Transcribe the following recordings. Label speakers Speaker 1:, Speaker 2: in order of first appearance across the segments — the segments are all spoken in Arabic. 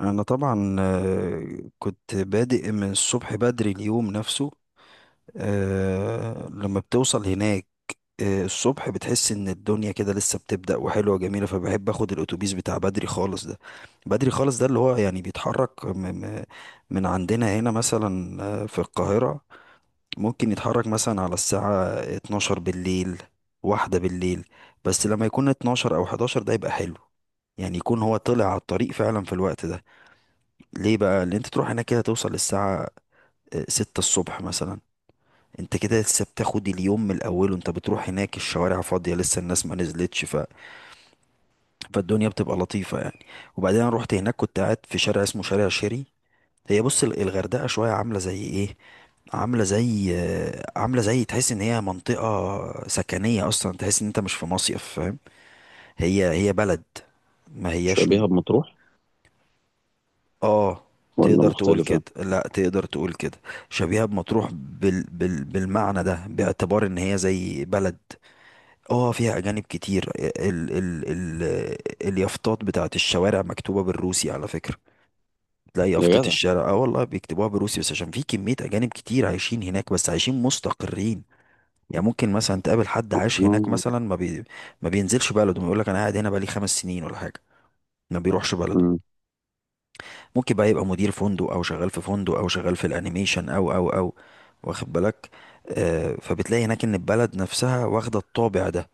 Speaker 1: انا طبعا كنت بادئ من الصبح بدري اليوم نفسه. لما بتوصل هناك، الصبح بتحس ان الدنيا كده لسه بتبدأ وحلوة وجميلة، فبحب اخد الاتوبيس بتاع بدري خالص ده. بدري خالص ده اللي هو يعني بيتحرك م- من عندنا هنا مثلا، في القاهرة، ممكن يتحرك مثلا على الساعة 12 بالليل، واحدة بالليل. بس لما يكون 12 او 11 ده يبقى حلو، يعني يكون هو طلع على الطريق فعلا في الوقت ده. ليه بقى اللي انت تروح هناك كده توصل الساعة ستة الصبح مثلا؟ انت كده لسه بتاخد اليوم من الاول وانت بتروح هناك، الشوارع فاضية لسه الناس ما نزلتش، فالدنيا بتبقى لطيفة يعني. وبعدين انا رحت هناك، كنت قاعد في شارع اسمه شارع شيري. هي بص، الغردقة شوية عاملة زي ايه؟ عاملة زي، عاملة زي تحس ان هي منطقة سكنية اصلا، تحس ان انت مش في مصيف، فاهم؟ هي بلد، ما هياش.
Speaker 2: شبيهة بمطروح
Speaker 1: اه،
Speaker 2: ولا
Speaker 1: تقدر تقول كده،
Speaker 2: مختلفة؟
Speaker 1: لا تقدر تقول كده. شبيهة بمطروح بالمعنى ده، باعتبار ان هي زي بلد. اه، فيها اجانب كتير. اليافطات بتاعت الشوارع مكتوبة بالروسي على فكرة. تلاقي
Speaker 2: يا
Speaker 1: يافطة
Speaker 2: جدع،
Speaker 1: الشارع، اه والله بيكتبوها بالروسي، بس عشان في كمية اجانب كتير عايشين هناك، بس عايشين مستقرين. يعني ممكن مثلا تقابل حد عايش هناك
Speaker 2: آه.
Speaker 1: مثلا ما بينزلش بلده ويقول لك انا قاعد هنا بقالي 5 سنين ولا حاجة، ما بيروحش بلده.
Speaker 2: مم.
Speaker 1: ممكن بقى يبقى مدير فندق او شغال في فندق او شغال في الانيميشن او واخد بالك؟ فبتلاقي هناك ان البلد نفسها واخده الطابع ده.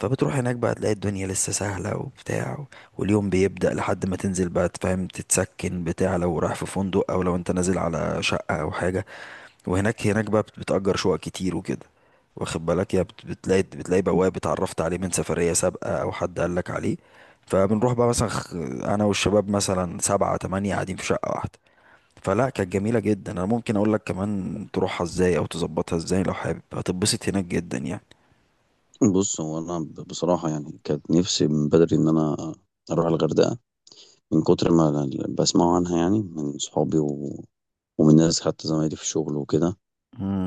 Speaker 1: فبتروح هناك بقى تلاقي الدنيا لسه سهله وبتاع، واليوم بيبدأ لحد ما تنزل بقى تفهم تتسكن بتاع، لو رايح في فندق او لو انت نازل على شقه او حاجه. وهناك، بتأجر شقق كتير وكده، واخد بالك؟ يا بتلاقي، بتلاقي بواب اتعرفت عليه من سفرية سابقة أو حد قال لك عليه. فبنروح بقى مثلا، أنا والشباب مثلا 7 8 قاعدين في شقة واحدة، فلا كانت جميلة جدا. أنا ممكن أقول لك كمان تروحها إزاي أو تظبطها إزاي، لو حابب هتتبسط هناك جدا يعني.
Speaker 2: بص، هو أنا بصراحة يعني كانت نفسي من بدري إن أنا أروح الغردقة، من كتر ما بسمعه عنها، يعني من صحابي ومن ناس، حتى زمايلي في الشغل وكده.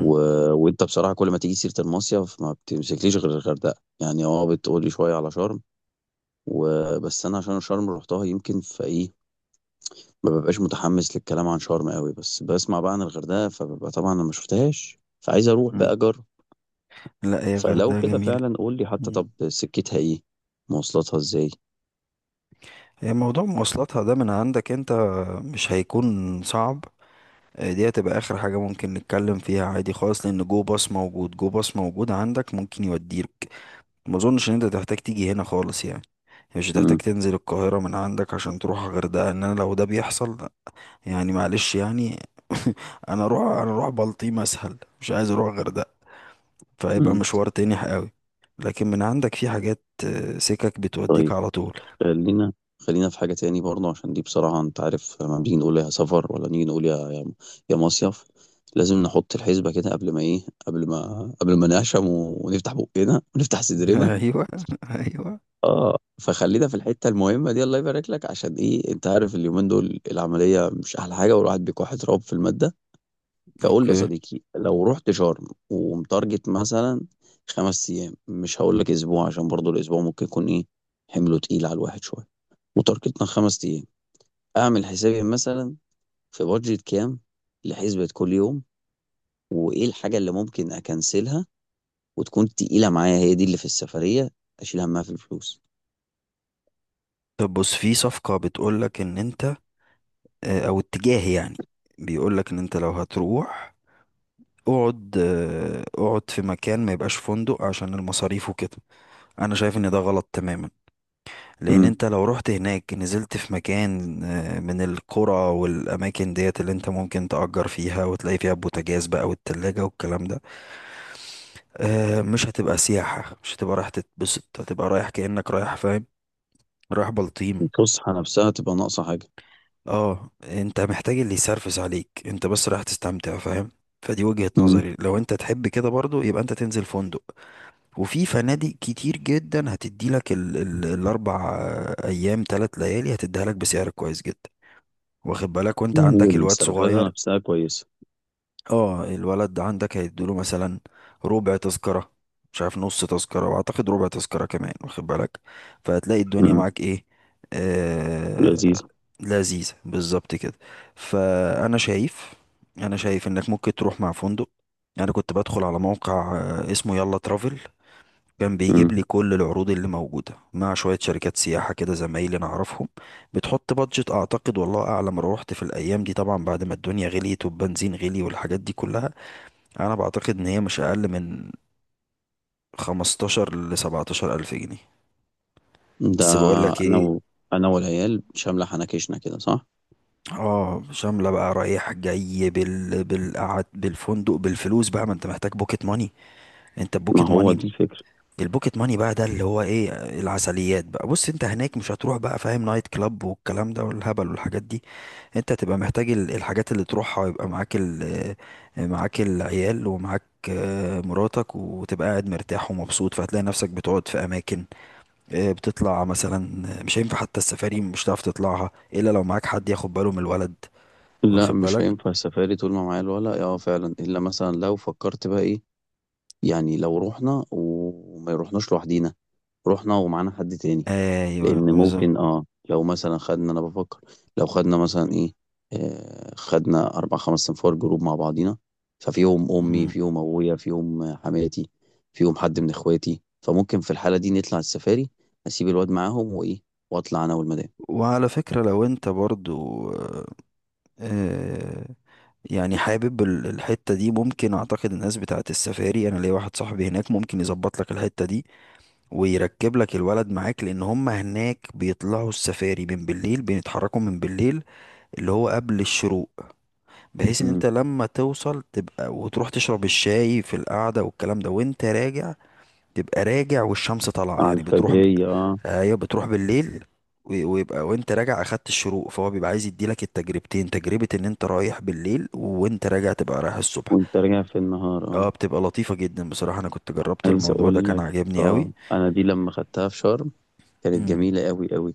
Speaker 2: و... وأنت بصراحة كل ما تيجي سيرة المصيف ما بتمسكليش غير الغردقة. يعني أه، بتقولي شوية على شرم وبس. أنا عشان شرم روحتها، يمكن في إيه ما ببقاش متحمس للكلام عن شرم قوي، بس بسمع بقى عن الغردقة فببقى طبعا أنا ما شفتهاش فعايز أروح
Speaker 1: مم.
Speaker 2: بقى أجرب.
Speaker 1: لا، هي
Speaker 2: فلو
Speaker 1: غردقة
Speaker 2: كده
Speaker 1: جميلة.
Speaker 2: فعلا قول لي حتى،
Speaker 1: مم.
Speaker 2: طب سكتها ايه؟ مواصلاتها ازاي؟
Speaker 1: هي موضوع مواصلاتها ده من عندك أنت مش هيكون صعب. دي هتبقى اخر حاجة ممكن نتكلم فيها عادي خالص، لان جو باص موجود، جو باص موجود عندك ممكن يوديك. ما اظنش ان انت تحتاج تيجي هنا خالص يعني، مش هتحتاج
Speaker 2: مم.
Speaker 1: تنزل القاهرة من عندك عشان تروح الغردقة، ان انا لو ده بيحصل يعني معلش يعني. انا اروح، انا اروح بلطيم اسهل مش عايز اروح الغردقة، فهيبقى
Speaker 2: مم.
Speaker 1: مشوار تاني قوي. لكن من عندك في حاجات، سكك بتوديك
Speaker 2: طيب،
Speaker 1: على طول.
Speaker 2: خلينا، خلينا في حاجة تاني برضه، عشان دي بصراحة انت عارف لما بنيجي نقول يا سفر ولا نيجي نقول يا مصيف، لازم نحط الحسبة كده قبل ما ايه قبل ما قبل ما نعشم ونفتح بقنا ونفتح صدرنا.
Speaker 1: ايوه، ايوه،
Speaker 2: اه، فخلينا في الحتة المهمة دي، الله يبارك لك، عشان ايه انت عارف اليومين دول العملية مش احلى حاجة والواحد بيكح تراب في المادة. فقول لي يا
Speaker 1: اوكي.
Speaker 2: صديقي، لو رحت شرم ومتارجت مثلا 5 ايام، مش هقول لك اسبوع عشان برضو الاسبوع ممكن يكون ايه، حمله تقيل على الواحد شويه، وتارجتنا 5 ايام، اعمل حسابي مثلا في بادجت كام لحسبة كل يوم، وايه الحاجه اللي ممكن اكنسلها وتكون تقيله معايا، هي دي اللي في السفريه اشيل همها في الفلوس.
Speaker 1: طب بص، في صفقة بتقولك ان انت، او اتجاه يعني، بيقول لك ان انت لو هتروح، اقعد، اقعد في مكان ما يبقاش فندق عشان المصاريف وكده. انا شايف ان ده غلط تماما، لان
Speaker 2: امم.
Speaker 1: انت لو رحت هناك نزلت في مكان، من القرى والاماكن ديت اللي انت ممكن تأجر فيها وتلاقي فيها بوتاجاز بقى والتلاجة والكلام ده، مش هتبقى سياحة، مش هتبقى رايح تتبسط، هتبقى رايح كأنك رايح، فاهم؟ رايح بلطيم.
Speaker 2: الفسحه نفسها تبقى ناقصه حاجه.
Speaker 1: اه انت محتاج اللي يسرفس عليك، انت بس رايح تستمتع، فاهم؟ فدي وجهة
Speaker 2: امم.
Speaker 1: نظري. لو انت تحب كده برضو، يبقى انت تنزل فندق. وفي فنادق كتير جدا هتدي لك ال ال الاربع ايام ثلاث ليالي هتديها لك بسعر كويس جدا، واخد بالك؟ وانت عندك الواد
Speaker 2: والسرفازه
Speaker 1: صغير،
Speaker 2: نفسها كويسه.
Speaker 1: اه الولد عندك هيدوله مثلا ربع تذكرة، مش عارف نص تذكرة، واعتقد ربع تذكرة كمان، واخد بالك؟ فهتلاقي الدنيا
Speaker 2: امم.
Speaker 1: معاك ايه، آه،
Speaker 2: لذيذ.
Speaker 1: لذيذة بالظبط كده. فانا شايف، انا شايف انك ممكن تروح مع فندق. انا كنت بدخل على موقع، اسمه يلا ترافل، كان بيجيب لي كل العروض اللي موجودة مع شوية شركات سياحة كده زمايلي نعرفهم. بتحط بادجت، أعتقد والله أعلم روحت في الأيام دي، طبعا بعد ما الدنيا غليت والبنزين غلي والحاجات دي كلها، أنا بعتقد إن هي مش أقل من 15 لسبعتاشر ألف جنيه.
Speaker 2: ده
Speaker 1: بس بقول لك
Speaker 2: انا
Speaker 1: إيه،
Speaker 2: و... انا والعيال شامله حنكشنا كده، صح؟
Speaker 1: اه شاملة بقى رايح جاي بالقعد بالفندق بالفلوس بقى، ما انت محتاج بوكيت ماني، انت
Speaker 2: ما
Speaker 1: بوكيت
Speaker 2: هو
Speaker 1: ماني.
Speaker 2: دي الفكره.
Speaker 1: البوكيت ماني بقى ده اللي هو ايه، العسليات بقى. بص، انت هناك مش هتروح بقى فاهم نايت كلاب والكلام ده والهبل والحاجات دي. انت هتبقى محتاج الحاجات اللي تروحها يبقى معاك، معاك العيال ومعاك، مراتك، وتبقى قاعد مرتاح ومبسوط. فهتلاقي نفسك بتقعد في اماكن، بتطلع مثلا، مش هينفع حتى السفاري، مش هتعرف تطلعها الا لو معاك حد ياخد باله من الولد،
Speaker 2: لا
Speaker 1: واخد
Speaker 2: مش
Speaker 1: بالك؟
Speaker 2: هينفع السفاري طول ما معايا الولا، اه فعلا، الا مثلا لو فكرت بقى ايه، يعني لو رحنا وما رحناش لوحدينا، رحنا ومعانا حد تاني.
Speaker 1: ايوه
Speaker 2: لان
Speaker 1: بالظبط.
Speaker 2: ممكن اه، لو مثلا خدنا، انا بفكر لو خدنا مثلا ايه، آه، خدنا اربع خمس صنفار جروب مع بعضينا، ففيهم امي
Speaker 1: مم.
Speaker 2: فيهم ابويا فيهم حماتي، فيهم حد من اخواتي، فممكن في الحاله دي نطلع السفاري، اسيب الواد معاهم وايه، واطلع انا والمدام.
Speaker 1: وعلى فكرة لو انت برضو، آه، يعني حابب الحتة دي، ممكن، اعتقد الناس بتاعت السفاري، انا ليا واحد صاحبي هناك ممكن يظبط لك الحتة دي ويركب لك الولد معاك. لان هم هناك بيطلعوا السفاري من بالليل، بيتحركوا من بالليل، اللي هو قبل الشروق، بحيث ان انت
Speaker 2: امم.
Speaker 1: لما توصل تبقى وتروح تشرب الشاي في القعدة والكلام ده، وانت راجع تبقى راجع والشمس طالعه،
Speaker 2: على
Speaker 1: يعني
Speaker 2: الفجريه، اه.
Speaker 1: ايوه بتروح بالليل، ويبقى وانت راجع اخدت الشروق، فهو بيبقى عايز يديلك التجربتين، تجربه ان انت رايح بالليل، وانت راجع تبقى رايح الصبح.
Speaker 2: وانت راجع في النهار،
Speaker 1: اه
Speaker 2: اه.
Speaker 1: بتبقى لطيفه جدا بصراحه، انا كنت جربت
Speaker 2: عايز
Speaker 1: الموضوع ده
Speaker 2: اقول
Speaker 1: كان
Speaker 2: لك،
Speaker 1: عاجبني قوي.
Speaker 2: اه، انا دي لما خدتها في شرم كانت
Speaker 1: امم.
Speaker 2: جميله قوي قوي.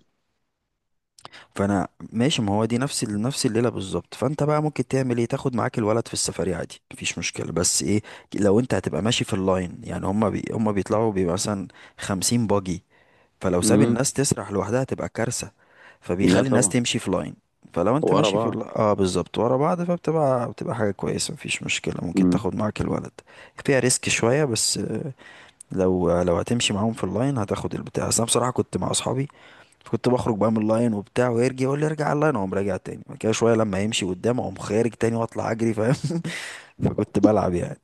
Speaker 1: فانا، ماشي، ما هو دي نفس نفس الليله بالظبط. فانت بقى ممكن تعمل ايه، تاخد معاك الولد في السفريه عادي مفيش مشكله، بس ايه، لو انت هتبقى ماشي في اللاين يعني هما بيطلعوا بيبقى مثلا 50 باجي، فلو ساب
Speaker 2: امم.
Speaker 1: الناس تسرح لوحدها تبقى كارثة،
Speaker 2: لا
Speaker 1: فبيخلي الناس
Speaker 2: طبعا.
Speaker 1: تمشي في لاين. فلو انت
Speaker 2: ورا
Speaker 1: ماشي في
Speaker 2: بعض.
Speaker 1: اه بالظبط ورا بعض، بتبقى حاجة كويسة مفيش مشكلة، ممكن تاخد معاك الولد. فيها ريسك شوية بس، لو هتمشي معاهم في اللاين هتاخد البتاع، بس انا بصراحة كنت مع اصحابي كنت بخرج بقى من اللاين وبتاع ويرجع يقول لي ارجع اللاين اقوم راجع تاني، بعد كده شوية لما يمشي قدام اقوم خارج تاني واطلع اجري، فاهم؟ فكنت بلعب يعني،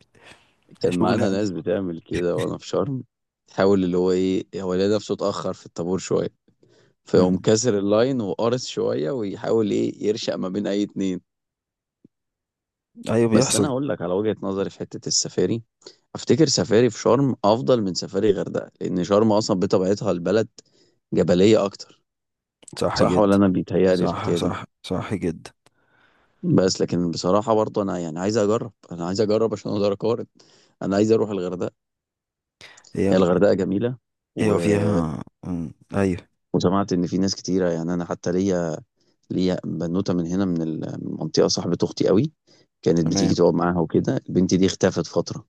Speaker 2: كان معانا
Speaker 1: شغل.
Speaker 2: ناس بتعمل كده وانا في شرم، تحاول اللي هو ايه، هو لقى نفسه اتاخر في الطابور شويه، فيقوم
Speaker 1: امم.
Speaker 2: كسر اللاين وقارص شويه ويحاول ايه، يرشق ما بين اي اتنين.
Speaker 1: ايوه
Speaker 2: بس انا
Speaker 1: بيحصل.
Speaker 2: هقول لك على وجهه نظري في حته السفاري، افتكر سفاري في شرم افضل من سفاري غردقه، لان شرم اصلا بطبيعتها البلد جبليه اكتر.
Speaker 1: صح
Speaker 2: صح ولا
Speaker 1: جدا.
Speaker 2: انا بيتهيألي
Speaker 1: صح
Speaker 2: الحكايه دي؟
Speaker 1: صح صح جدا.
Speaker 2: بس لكن بصراحه برضه انا يعني عايز اجرب، انا عايز اجرب عشان اقدر اقارن. انا عايز اروح الغردقه.
Speaker 1: هي،
Speaker 2: هي الغردقه جميله. و...
Speaker 1: ايوه فيها، ايوه.
Speaker 2: وسمعت ان في ناس كتيره، يعني انا حتى ليا بنوته من هنا من المنطقه صاحبه اختي قوي، كانت بتيجي
Speaker 1: تمام.
Speaker 2: تقعد معاها وكده، البنت دي اختفت فتره.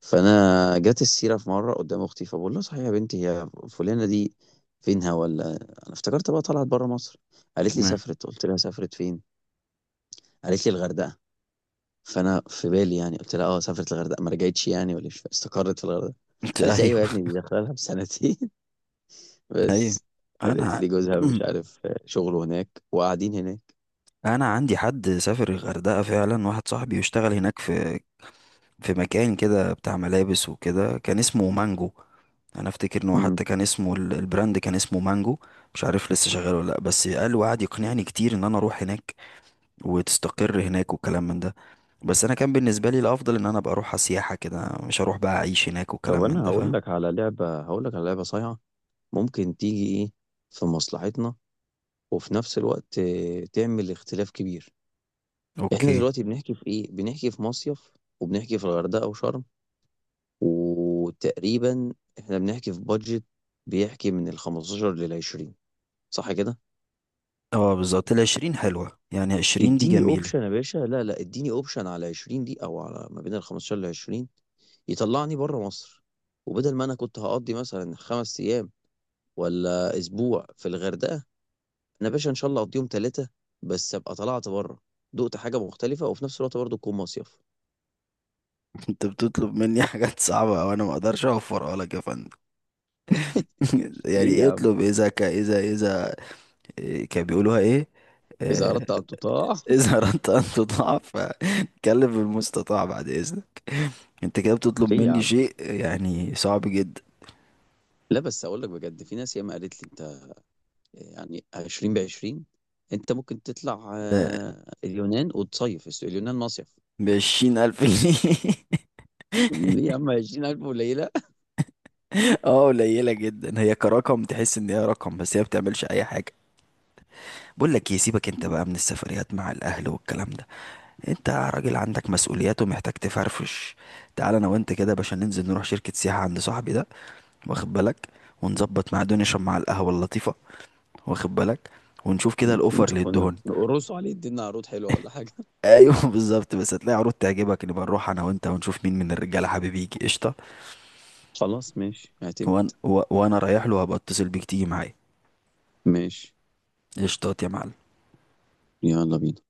Speaker 2: فانا جت السيره في مره قدام اختي، فبقول لها صحيح يا بنتي هي فلانه دي فينها؟ ولا انا افتكرت بقى طلعت بره مصر. قالت لي
Speaker 1: تمام.
Speaker 2: سافرت، قلت لها سافرت فين؟ قالت لي الغردقه. فانا في بالي يعني قلت لها اه سافرت الغردقه ما رجعتش يعني ولا إيش؟ استقرت في الغردقه؟
Speaker 1: انت
Speaker 2: قالت لي
Speaker 1: ايوه.
Speaker 2: ايوه يا ابني دي داخله لها بسنتين
Speaker 1: ايوه،
Speaker 2: بس. قالت
Speaker 1: انا،
Speaker 2: لي جوزها مش عارف شغله هناك وقاعدين هناك.
Speaker 1: انا عندي حد سافر الغردقه فعلا، واحد صاحبي يشتغل هناك في، في مكان كده بتاع ملابس وكده، كان اسمه مانجو. انا افتكر ان هو
Speaker 2: امم.
Speaker 1: حتى كان اسمه البراند كان اسمه مانجو. مش عارف لسه شغال ولا لا، بس قال وقعد يقنعني كتير ان انا اروح هناك وتستقر هناك والكلام من ده. بس انا كان بالنسبه لي الافضل ان انا ابقى اروح سياحه كده، مش هروح بقى اعيش هناك
Speaker 2: طب
Speaker 1: والكلام من
Speaker 2: انا
Speaker 1: ده،
Speaker 2: هقول
Speaker 1: فاهم؟
Speaker 2: لك على لعبة، هقول لك على لعبة صايعة، ممكن تيجي ايه، في مصلحتنا وفي نفس الوقت تعمل اختلاف كبير. احنا
Speaker 1: اوكي.
Speaker 2: دلوقتي بنحكي في ايه؟ بنحكي في مصيف، وبنحكي في الغردقة وشرم، وتقريبا احنا بنحكي في بادجت بيحكي من ال 15 لل 20، صح كده؟
Speaker 1: اه بالظبط، الـ 20 حلوة، يعني 20 دي
Speaker 2: اديني
Speaker 1: جميلة.
Speaker 2: اوبشن يا باشا، لا لا اديني اوبشن على 20 دي او على ما بين ال 15 لل 20 يطلعني بره مصر، وبدل ما انا كنت هقضي مثلا 5 ايام ولا اسبوع في الغردقه، انا باشا ان شاء الله اقضيهم ثلاثه، بس ابقى طلعت بره، دقت حاجه مختلفه وفي نفس الوقت برضه تكون مصيف.
Speaker 1: انت بتطلب مني حاجات صعبة وانا ما اقدرش اوفرها لك يا فندم. يعني
Speaker 2: ليه يا
Speaker 1: ايه
Speaker 2: عم؟
Speaker 1: اطلب إيه، اذا ك اذا اذا إيه كان بيقولوها ايه،
Speaker 2: اذا
Speaker 1: آه،
Speaker 2: اردت ان تطاع
Speaker 1: اذا اردت ان تطاع فكلم المستطاع، بعد اذنك. انت كده بتطلب
Speaker 2: ليه يا
Speaker 1: مني
Speaker 2: عم؟
Speaker 1: شيء يعني صعب جدا.
Speaker 2: لا بس اقول لك بجد، في ناس ياما قالت لي انت يعني 20 ب 20 انت ممكن تطلع
Speaker 1: آه،
Speaker 2: اليونان وتصيف، اليونان مصيف.
Speaker 1: بـ 20 ألف جنيه؟
Speaker 2: ليه يا عم؟ 20,000 قليله.
Speaker 1: اه قليلة جدا، هي كرقم تحس ان هي رقم بس هي بتعملش اي حاجة. بقول لك ايه، سيبك انت بقى من السفريات مع الاهل والكلام ده، انت راجل عندك مسؤوليات ومحتاج تفرفش. تعال انا وانت كده يا باشا ننزل نروح شركة سياحة عند صاحبي ده، واخد بالك؟ ونظبط، مع نشرب مع القهوة اللطيفة، واخد بالك؟ ونشوف كده الاوفر
Speaker 2: نشوف،
Speaker 1: اللي
Speaker 2: قلنا
Speaker 1: ادهن.
Speaker 2: نقرصوا عليه، ادينا عروض حلوه ولا حاجه.
Speaker 1: ايوه بالظبط. بس هتلاقي عروض تعجبك نبقى نروح انا وانت ونشوف مين من الرجالة حبيب يجي قشطة.
Speaker 2: خلاص ماشي، اعتمد.
Speaker 1: وانا رايح له هبقى اتصل بيك تيجي معايا.
Speaker 2: ماشي.
Speaker 1: قشطات يا معلم.
Speaker 2: يلا بينا.